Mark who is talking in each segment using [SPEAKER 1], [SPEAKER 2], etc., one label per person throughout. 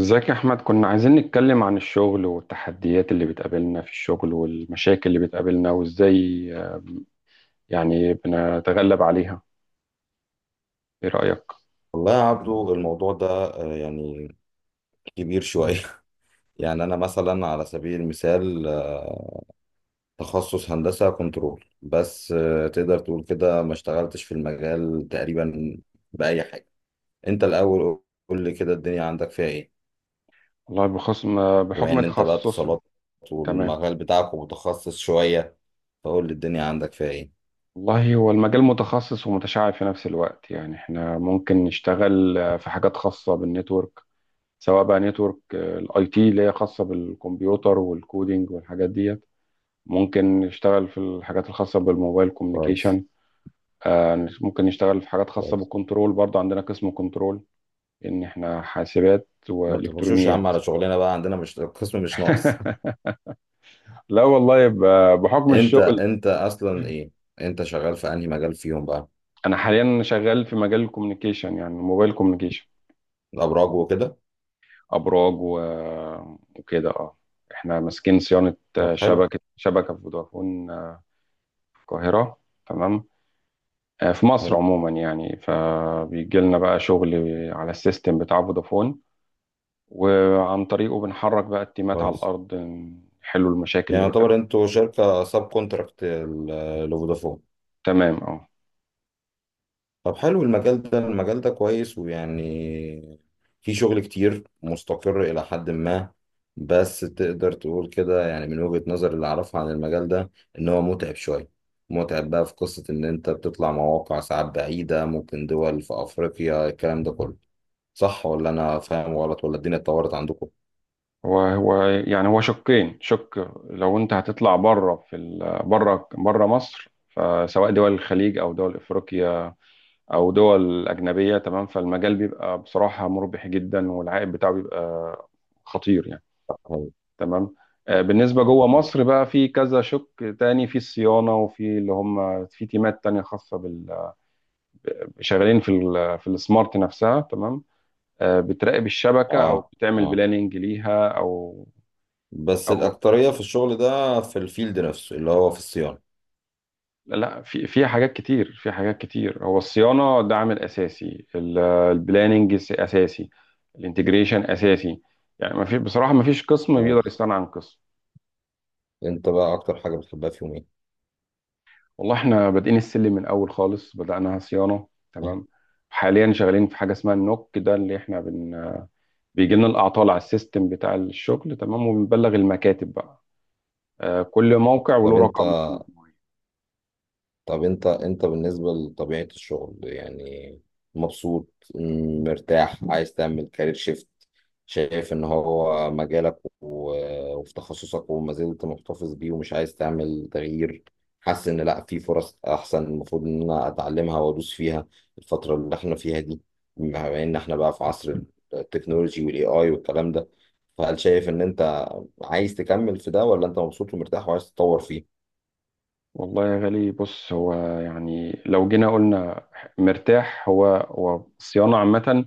[SPEAKER 1] ازيك يا احمد؟ كنا عايزين نتكلم عن الشغل والتحديات اللي بتقابلنا في الشغل والمشاكل اللي بتقابلنا وازاي يعني بنتغلب عليها، ايه رأيك؟
[SPEAKER 2] والله يا عبدو، الموضوع ده يعني كبير شوية يعني أنا مثلا، على سبيل المثال، تخصص هندسة كنترول، بس تقدر تقول كده ما اشتغلتش في المجال تقريبا بأي حاجة. أنت الأول، قول لي كده الدنيا عندك فيها إيه؟
[SPEAKER 1] والله بخص...
[SPEAKER 2] بما
[SPEAKER 1] بحكم
[SPEAKER 2] إن أنت بقى
[SPEAKER 1] تخصصي.
[SPEAKER 2] اتصالات
[SPEAKER 1] تمام.
[SPEAKER 2] والمجال بتاعك متخصص شوية، فقول لي الدنيا عندك فيها إيه؟
[SPEAKER 1] والله هو المجال متخصص ومتشعب في نفس الوقت، يعني احنا ممكن نشتغل في حاجات خاصة بالنتورك، سواء بقى نتورك الاي تي اللي هي خاصة بالكمبيوتر والكودينج والحاجات ديت. ممكن نشتغل في الحاجات الخاصة بالموبايل
[SPEAKER 2] كويس.
[SPEAKER 1] كوميونيكيشن. ممكن نشتغل في حاجات خاصة
[SPEAKER 2] كويس.
[SPEAKER 1] بالكنترول برضه، عندنا قسم كنترول، إن إحنا حاسبات
[SPEAKER 2] ما تخشوش يا عم
[SPEAKER 1] وإلكترونيات.
[SPEAKER 2] على شغلنا بقى، عندنا مش القسم مش ناقص.
[SPEAKER 1] لا والله يبقى بحكم
[SPEAKER 2] أنت
[SPEAKER 1] الشغل.
[SPEAKER 2] أنت أصلا إيه؟ أنت شغال في أنهي مجال فيهم بقى؟
[SPEAKER 1] أنا حاليا شغال في مجال الكوميونيكيشن، يعني موبايل كوميونيكيشن.
[SPEAKER 2] الابراج وكده؟
[SPEAKER 1] أبراج و... وكده إحنا ماسكين صيانة،
[SPEAKER 2] طب حلو.
[SPEAKER 1] شبكة فودافون في القاهرة. تمام. في مصر
[SPEAKER 2] حلو.
[SPEAKER 1] عموما يعني، فبيجي لنا بقى شغل على السيستم بتاع فودافون، وعن طريقه بنحرك بقى التيمات على
[SPEAKER 2] كويس.
[SPEAKER 1] الأرض نحلوا المشاكل
[SPEAKER 2] يعني
[SPEAKER 1] اللي
[SPEAKER 2] يعتبر
[SPEAKER 1] بتقابل.
[SPEAKER 2] انتوا شركه ساب كونتراكت لفودافون؟
[SPEAKER 1] تمام اه.
[SPEAKER 2] طب حلو، المجال ده كويس، ويعني في شغل كتير مستقر الى حد ما. بس تقدر تقول كده، يعني من وجهة نظر اللي اعرفها عن المجال ده، ان هو متعب شويه. متعب بقى في قصه ان انت بتطلع مواقع ساعات بعيده، ممكن دول في افريقيا، الكلام ده كله. صح، ولا انا فاهم غلط، ولا الدنيا اتطورت عندكم؟
[SPEAKER 1] هو يعني، هو شقين. شق لو انت هتطلع بره في بره مصر، فسواء دول الخليج او دول افريقيا او دول اجنبيه، تمام، فالمجال بيبقى بصراحه مربح جدا والعائد بتاعه بيبقى خطير يعني. تمام. بالنسبه جوه مصر بقى في كذا شق تاني، في الصيانه وفي اللي هم في تيمات تانيه خاصه شغالين في السمارت نفسها. تمام. بتراقب الشبكه او
[SPEAKER 2] اه.
[SPEAKER 1] بتعمل
[SPEAKER 2] اه.
[SPEAKER 1] بلاننج ليها او
[SPEAKER 2] بس
[SPEAKER 1] او
[SPEAKER 2] الأكترية في الشغل ده في الفيلد نفسه اللي هو في الصيانة.
[SPEAKER 1] لا، لا، فيها حاجات كتير. في حاجات كتير، هو الصيانه ده عامل اساسي، البلاننج اساسي، الانتجريشن اساسي. يعني ما في بصراحه ما فيش قسم بيقدر
[SPEAKER 2] كويس.
[SPEAKER 1] يستغنى عن قسم.
[SPEAKER 2] انت بقى اكتر حاجة بتحبها في يومين؟
[SPEAKER 1] والله احنا بادئين السلم من اول خالص، بدأناها صيانه تمام. حاليا شغالين في حاجه اسمها النوك، ده اللي احنا بن بيجي لنا الاعطال على السيستم بتاع الشغل، تمام، وبنبلغ المكاتب بقى. كل موقع
[SPEAKER 2] طب
[SPEAKER 1] وله
[SPEAKER 2] انت
[SPEAKER 1] رقم كود معين.
[SPEAKER 2] طب انت بالنسبة لطبيعة الشغل، يعني مبسوط، مرتاح، عايز تعمل كارير شيفت؟ شايف ان هو مجالك وفي تخصصك وما زلت محتفظ بيه ومش عايز تعمل تغيير؟ حاسس ان لا، في فرص احسن المفروض ان انا اتعلمها وادوس فيها الفترة اللي احنا فيها دي؟ بما ان احنا بقى في عصر التكنولوجي والاي اي والكلام ده، فهل شايف ان انت عايز تكمل في ده، ولا انت مبسوط ومرتاح وعايز تتطور فيه؟
[SPEAKER 1] والله يا غالي بص، هو يعني لو جينا قلنا مرتاح، هو الصيانة عامة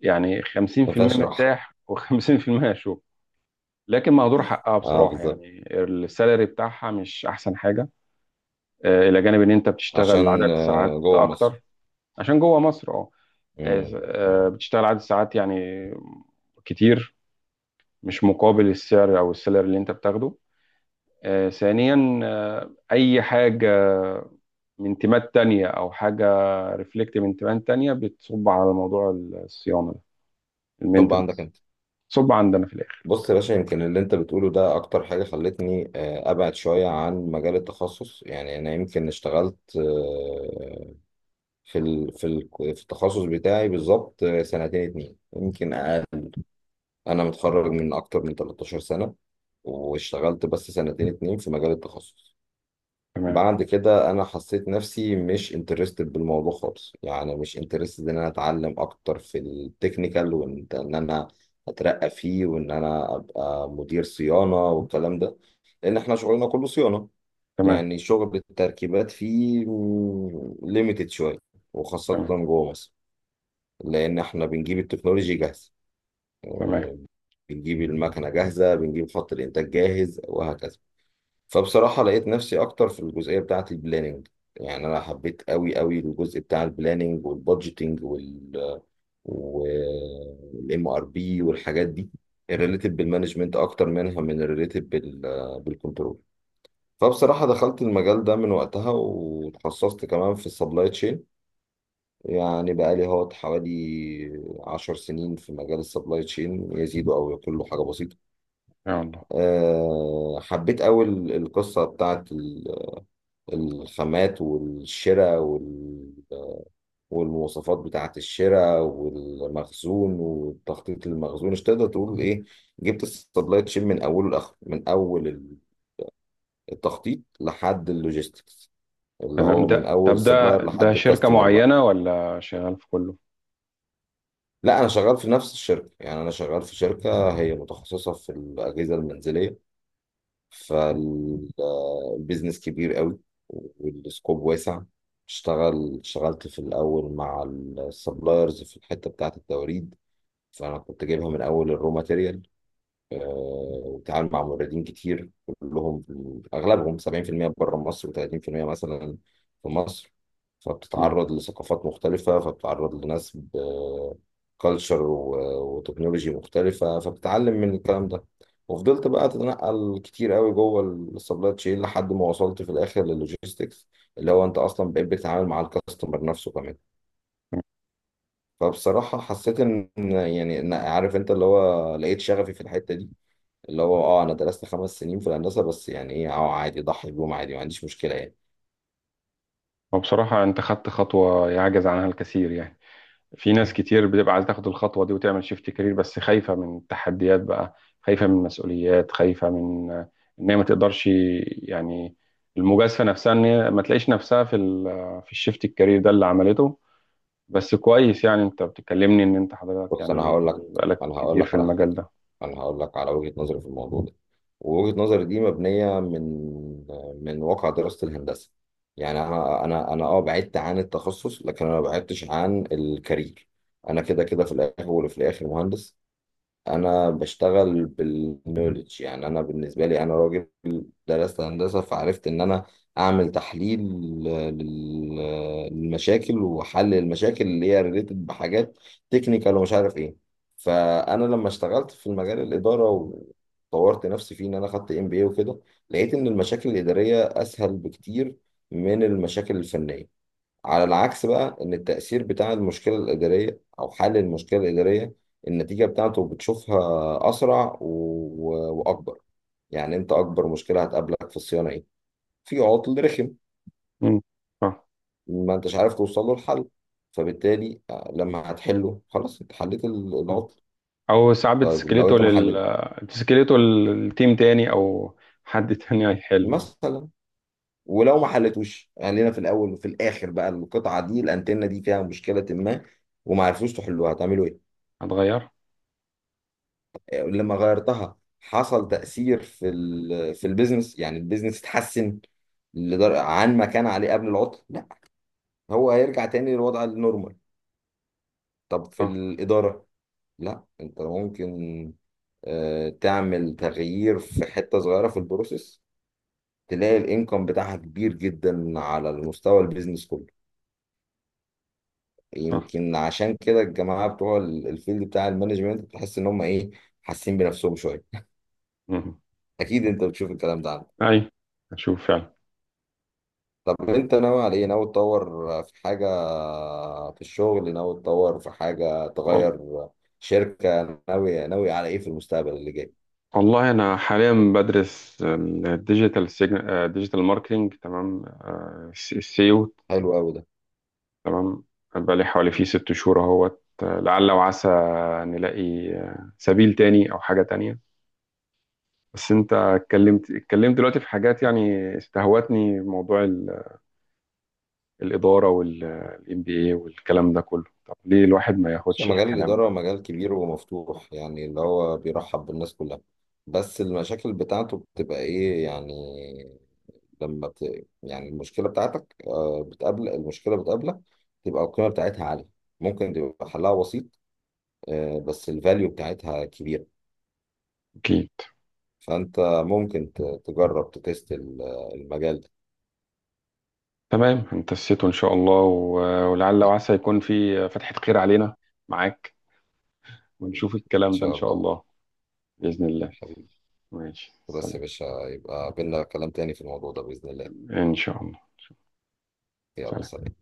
[SPEAKER 1] يعني
[SPEAKER 2] ما
[SPEAKER 1] 50%
[SPEAKER 2] فيهاش راحة.
[SPEAKER 1] مرتاح و50% شغل. لكن مهدور حقها
[SPEAKER 2] اه،
[SPEAKER 1] بصراحة،
[SPEAKER 2] بالظبط.
[SPEAKER 1] يعني السالري بتاعها مش أحسن حاجة. إلى جانب إن أنت بتشتغل عدد
[SPEAKER 2] عشان
[SPEAKER 1] ساعات
[SPEAKER 2] جوه مصر.
[SPEAKER 1] أكتر، عشان جوه مصر أه. آه،
[SPEAKER 2] مم. مم.
[SPEAKER 1] بتشتغل عدد ساعات يعني كتير، مش مقابل السعر أو السالري اللي أنت بتاخده. ثانيا، اي حاجه من تيمات تانية او حاجه ريفلكت من تيمات تانية بتصب على موضوع الصيانه ده،
[SPEAKER 2] طب عندك
[SPEAKER 1] المينتنس،
[SPEAKER 2] انت؟
[SPEAKER 1] تصب عندنا في الاخر.
[SPEAKER 2] بص يا باشا، يمكن اللي انت بتقوله ده اكتر حاجة خلتني ابعد شوية عن مجال التخصص. يعني انا يمكن اشتغلت في ال... في ال... في التخصص بتاعي بالظبط سنتين اتنين، يمكن اقل. انا متخرج من اكتر من 13 سنة، واشتغلت بس سنتين اتنين في مجال التخصص.
[SPEAKER 1] تمام،
[SPEAKER 2] بعد كده انا حسيت نفسي مش انترستد بالموضوع خالص، يعني مش انترستد ان انا اتعلم اكتر في التكنيكال وان انا اترقى فيه، وان انا ابقى مدير صيانة والكلام ده. لان احنا شغلنا كله صيانة.
[SPEAKER 1] تمام،
[SPEAKER 2] يعني شغل التركيبات فيه ليميتد شوية، وخاصة
[SPEAKER 1] تمام،
[SPEAKER 2] جوه مصر. لان احنا بنجيب التكنولوجي جاهزة،
[SPEAKER 1] تمام.
[SPEAKER 2] آه، بنجيب المكنة جاهزة، بنجيب خط الانتاج جاهز، وهكذا. فبصراحة لقيت نفسي أكتر في الجزئية بتاعة البلاننج. يعني أنا حبيت أوي أوي الجزء بتاع البلاننج والبادجيتنج والام ار بي والحاجات دي، الريليتد بالمانجمنت أكتر منها من الريليتد بالكنترول. فبصراحة دخلت المجال ده من وقتها، وتخصصت كمان في السبلاي تشين. يعني بقالي هوت حوالي 10 سنين في مجال السبلاي تشين، يزيد أو يقل حاجة بسيطة.
[SPEAKER 1] يا الله.
[SPEAKER 2] أه، حبيت أوي القصة بتاعة الخامات والشراء والمواصفات بتاعة الشراء والمخزون والتخطيط للمخزون، مش تقدر تقول ايه. جبت السبلاي تشين من اوله لاخره، من اول التخطيط لحد اللوجيستكس، اللي
[SPEAKER 1] تمام.
[SPEAKER 2] هو
[SPEAKER 1] ده
[SPEAKER 2] من اول
[SPEAKER 1] طب ده
[SPEAKER 2] السبلاير
[SPEAKER 1] ده
[SPEAKER 2] لحد
[SPEAKER 1] شركه
[SPEAKER 2] الكاستمر بقى.
[SPEAKER 1] معينه ولا شغال في كله؟
[SPEAKER 2] لا، انا شغال في نفس الشركة، يعني انا شغال في شركة هي متخصصة في الأجهزة المنزلية.
[SPEAKER 1] تمام،
[SPEAKER 2] فالبيزنس كبير قوي، والسكوب واسع. اشتغلت في الأول مع السبلايرز في الحتة بتاعة التوريد. فأنا كنت جايبها من أول الرو ماتيريال، تعامل مع موردين كتير كلهم. اغلبهم 70% بره مصر و30%، مثلا، في مصر. فبتتعرض لثقافات مختلفة، فبتتعرض لناس بكالتشر وتكنولوجي مختلفة، فبتتعلم من الكلام ده. وفضلت بقى اتنقل كتير قوي جوه السبلاي تشين، لحد ما وصلت في الاخر للوجيستكس، اللي هو انت اصلا بقيت بتتعامل مع الكاستمر نفسه كمان.
[SPEAKER 1] تمام.
[SPEAKER 2] فبصراحة حسيت ان، يعني عارف انت، اللي هو لقيت شغفي في الحتة دي، اللي هو اه انا درست 5 سنين في الهندسه، بس يعني ايه، اه عادي، ضحي بيهم عادي، ما عنديش مشكله يعني.
[SPEAKER 1] هو بصراحه انت خدت خطوه يعجز عنها الكثير، يعني في ناس كتير بتبقى عايزة تاخد الخطوة دي وتعمل شيفت كارير، بس خايفة من التحديات بقى، خايفة من المسؤوليات، خايفة من إن هي ما تقدرش يعني، المجازفة نفسها إن هي ما تلاقيش نفسها في الشيفت الكارير ده اللي عملته. بس كويس، يعني أنت بتكلمني إن أنت حضرتك
[SPEAKER 2] بص، انا هقول
[SPEAKER 1] يعني
[SPEAKER 2] لك،
[SPEAKER 1] بقالك
[SPEAKER 2] انا هقول
[SPEAKER 1] كتير
[SPEAKER 2] لك
[SPEAKER 1] في
[SPEAKER 2] على
[SPEAKER 1] المجال
[SPEAKER 2] حاجه،
[SPEAKER 1] ده.
[SPEAKER 2] انا هقول لك على وجهه نظري في الموضوع ده. ووجهه نظري دي مبنيه من واقع دراسه الهندسه. يعني انا اه بعدت عن التخصص، لكن انا ما بعدتش عن الكارير. انا كده كده في الاول وفي الاخر مهندس. انا بشتغل بالنولج، يعني انا بالنسبه لي، انا راجل درست هندسه، فعرفت ان انا اعمل تحليل للمشاكل وحل المشاكل اللي هي ريليتد بحاجات تكنيكال، ومش عارف ايه. فانا لما اشتغلت في المجال الاداره وطورت نفسي فيه ان انا خدت MBA وكده، لقيت ان المشاكل الاداريه اسهل بكتير من المشاكل الفنيه. على العكس بقى، ان التأثير بتاع المشكلة الإدارية او حل المشكلة الإدارية، النتيجة بتاعته بتشوفها اسرع واكبر. يعني انت اكبر مشكلة هتقابلك في الصيانة ايه؟ في عطل رخم
[SPEAKER 1] مم. آه.
[SPEAKER 2] ما انتش عارف توصل له الحل، فبالتالي لما هتحله خلاص، انت حليت
[SPEAKER 1] مم.
[SPEAKER 2] العطل.
[SPEAKER 1] أو ساعات
[SPEAKER 2] طيب لو
[SPEAKER 1] بتسكليته
[SPEAKER 2] انت ما
[SPEAKER 1] لل
[SPEAKER 2] حليت،
[SPEAKER 1] آه، بتسكليته للتيم تاني، أو حد تاني هيحله يعني.
[SPEAKER 2] مثلا، ولو ما حلتوش، خلينا في الاول وفي الاخر بقى، القطعة دي، الانتنة دي، فيها مشكلة ما وما عرفوش تحلوها، هتعملوا ايه؟
[SPEAKER 1] هتغير؟
[SPEAKER 2] لما غيرتها حصل تأثير في البيزنس، يعني البيزنس اتحسن عن ما كان عليه قبل العطل؟ لا، هو هيرجع تاني للوضع النورمال. طب في
[SPEAKER 1] آه.
[SPEAKER 2] الإدارة، لا، انت ممكن تعمل تغيير في حتة صغيرة في البروسيس، تلاقي الانكم بتاعها كبير جدا على المستوى البيزنس كله.
[SPEAKER 1] آه.
[SPEAKER 2] يمكن عشان كده الجماعة بتوع الفيلد بتاع المانجمنت بتحس ان هم ايه، حاسين بنفسهم شوية.
[SPEAKER 1] مم.
[SPEAKER 2] اكيد انت بتشوف الكلام ده.
[SPEAKER 1] أي. هشوف فعلا.
[SPEAKER 2] طب انت ناوي على ايه؟ ناوي تطور في حاجة في الشغل، ناوي تطور في حاجة،
[SPEAKER 1] والله،
[SPEAKER 2] تغير شركة، ناوي على ايه في المستقبل اللي جاي؟
[SPEAKER 1] والله أنا حاليا بدرس ديجيتال ماركتينج، تمام. السيو،
[SPEAKER 2] حلو قوي ده.
[SPEAKER 1] تمام. بقالي حوالي فيه 6 شهور أهوت، لعل وعسى نلاقي سبيل تاني أو حاجة تانية. بس أنت اتكلمت دلوقتي في حاجات يعني استهوتني. موضوع الإدارة والإم بي إيه والكلام ده كله، طب ليه الواحد ما
[SPEAKER 2] بس
[SPEAKER 1] ياخدش
[SPEAKER 2] مجال
[SPEAKER 1] الكلام
[SPEAKER 2] الإدارة
[SPEAKER 1] ده؟
[SPEAKER 2] مجال كبير ومفتوح، يعني اللي هو بيرحب بالناس كلها. بس المشاكل بتاعته بتبقى ايه يعني؟ يعني المشكلة بتاعتك، بتقابل المشكلة بتقابلك، تبقى القيمة بتاعتها عالية. ممكن تبقى حلها بسيط، بس الفاليو بتاعتها كبيرة.
[SPEAKER 1] أكيد.
[SPEAKER 2] فأنت ممكن تجرب تتست المجال ده.
[SPEAKER 1] تمام انت السيتو إن شاء الله، ولعل وعسى يكون في فتحة خير علينا معاك،
[SPEAKER 2] حبيبي،
[SPEAKER 1] ونشوف
[SPEAKER 2] إن
[SPEAKER 1] الكلام ده إن
[SPEAKER 2] شاء
[SPEAKER 1] شاء
[SPEAKER 2] الله،
[SPEAKER 1] الله. بإذن الله.
[SPEAKER 2] حبيبي.
[SPEAKER 1] ماشي،
[SPEAKER 2] بس يا
[SPEAKER 1] سلام.
[SPEAKER 2] باشا، يبقى بينا كلام تاني في الموضوع ده بإذن الله.
[SPEAKER 1] إن شاء الله.
[SPEAKER 2] يلا،
[SPEAKER 1] سلام.
[SPEAKER 2] سلام.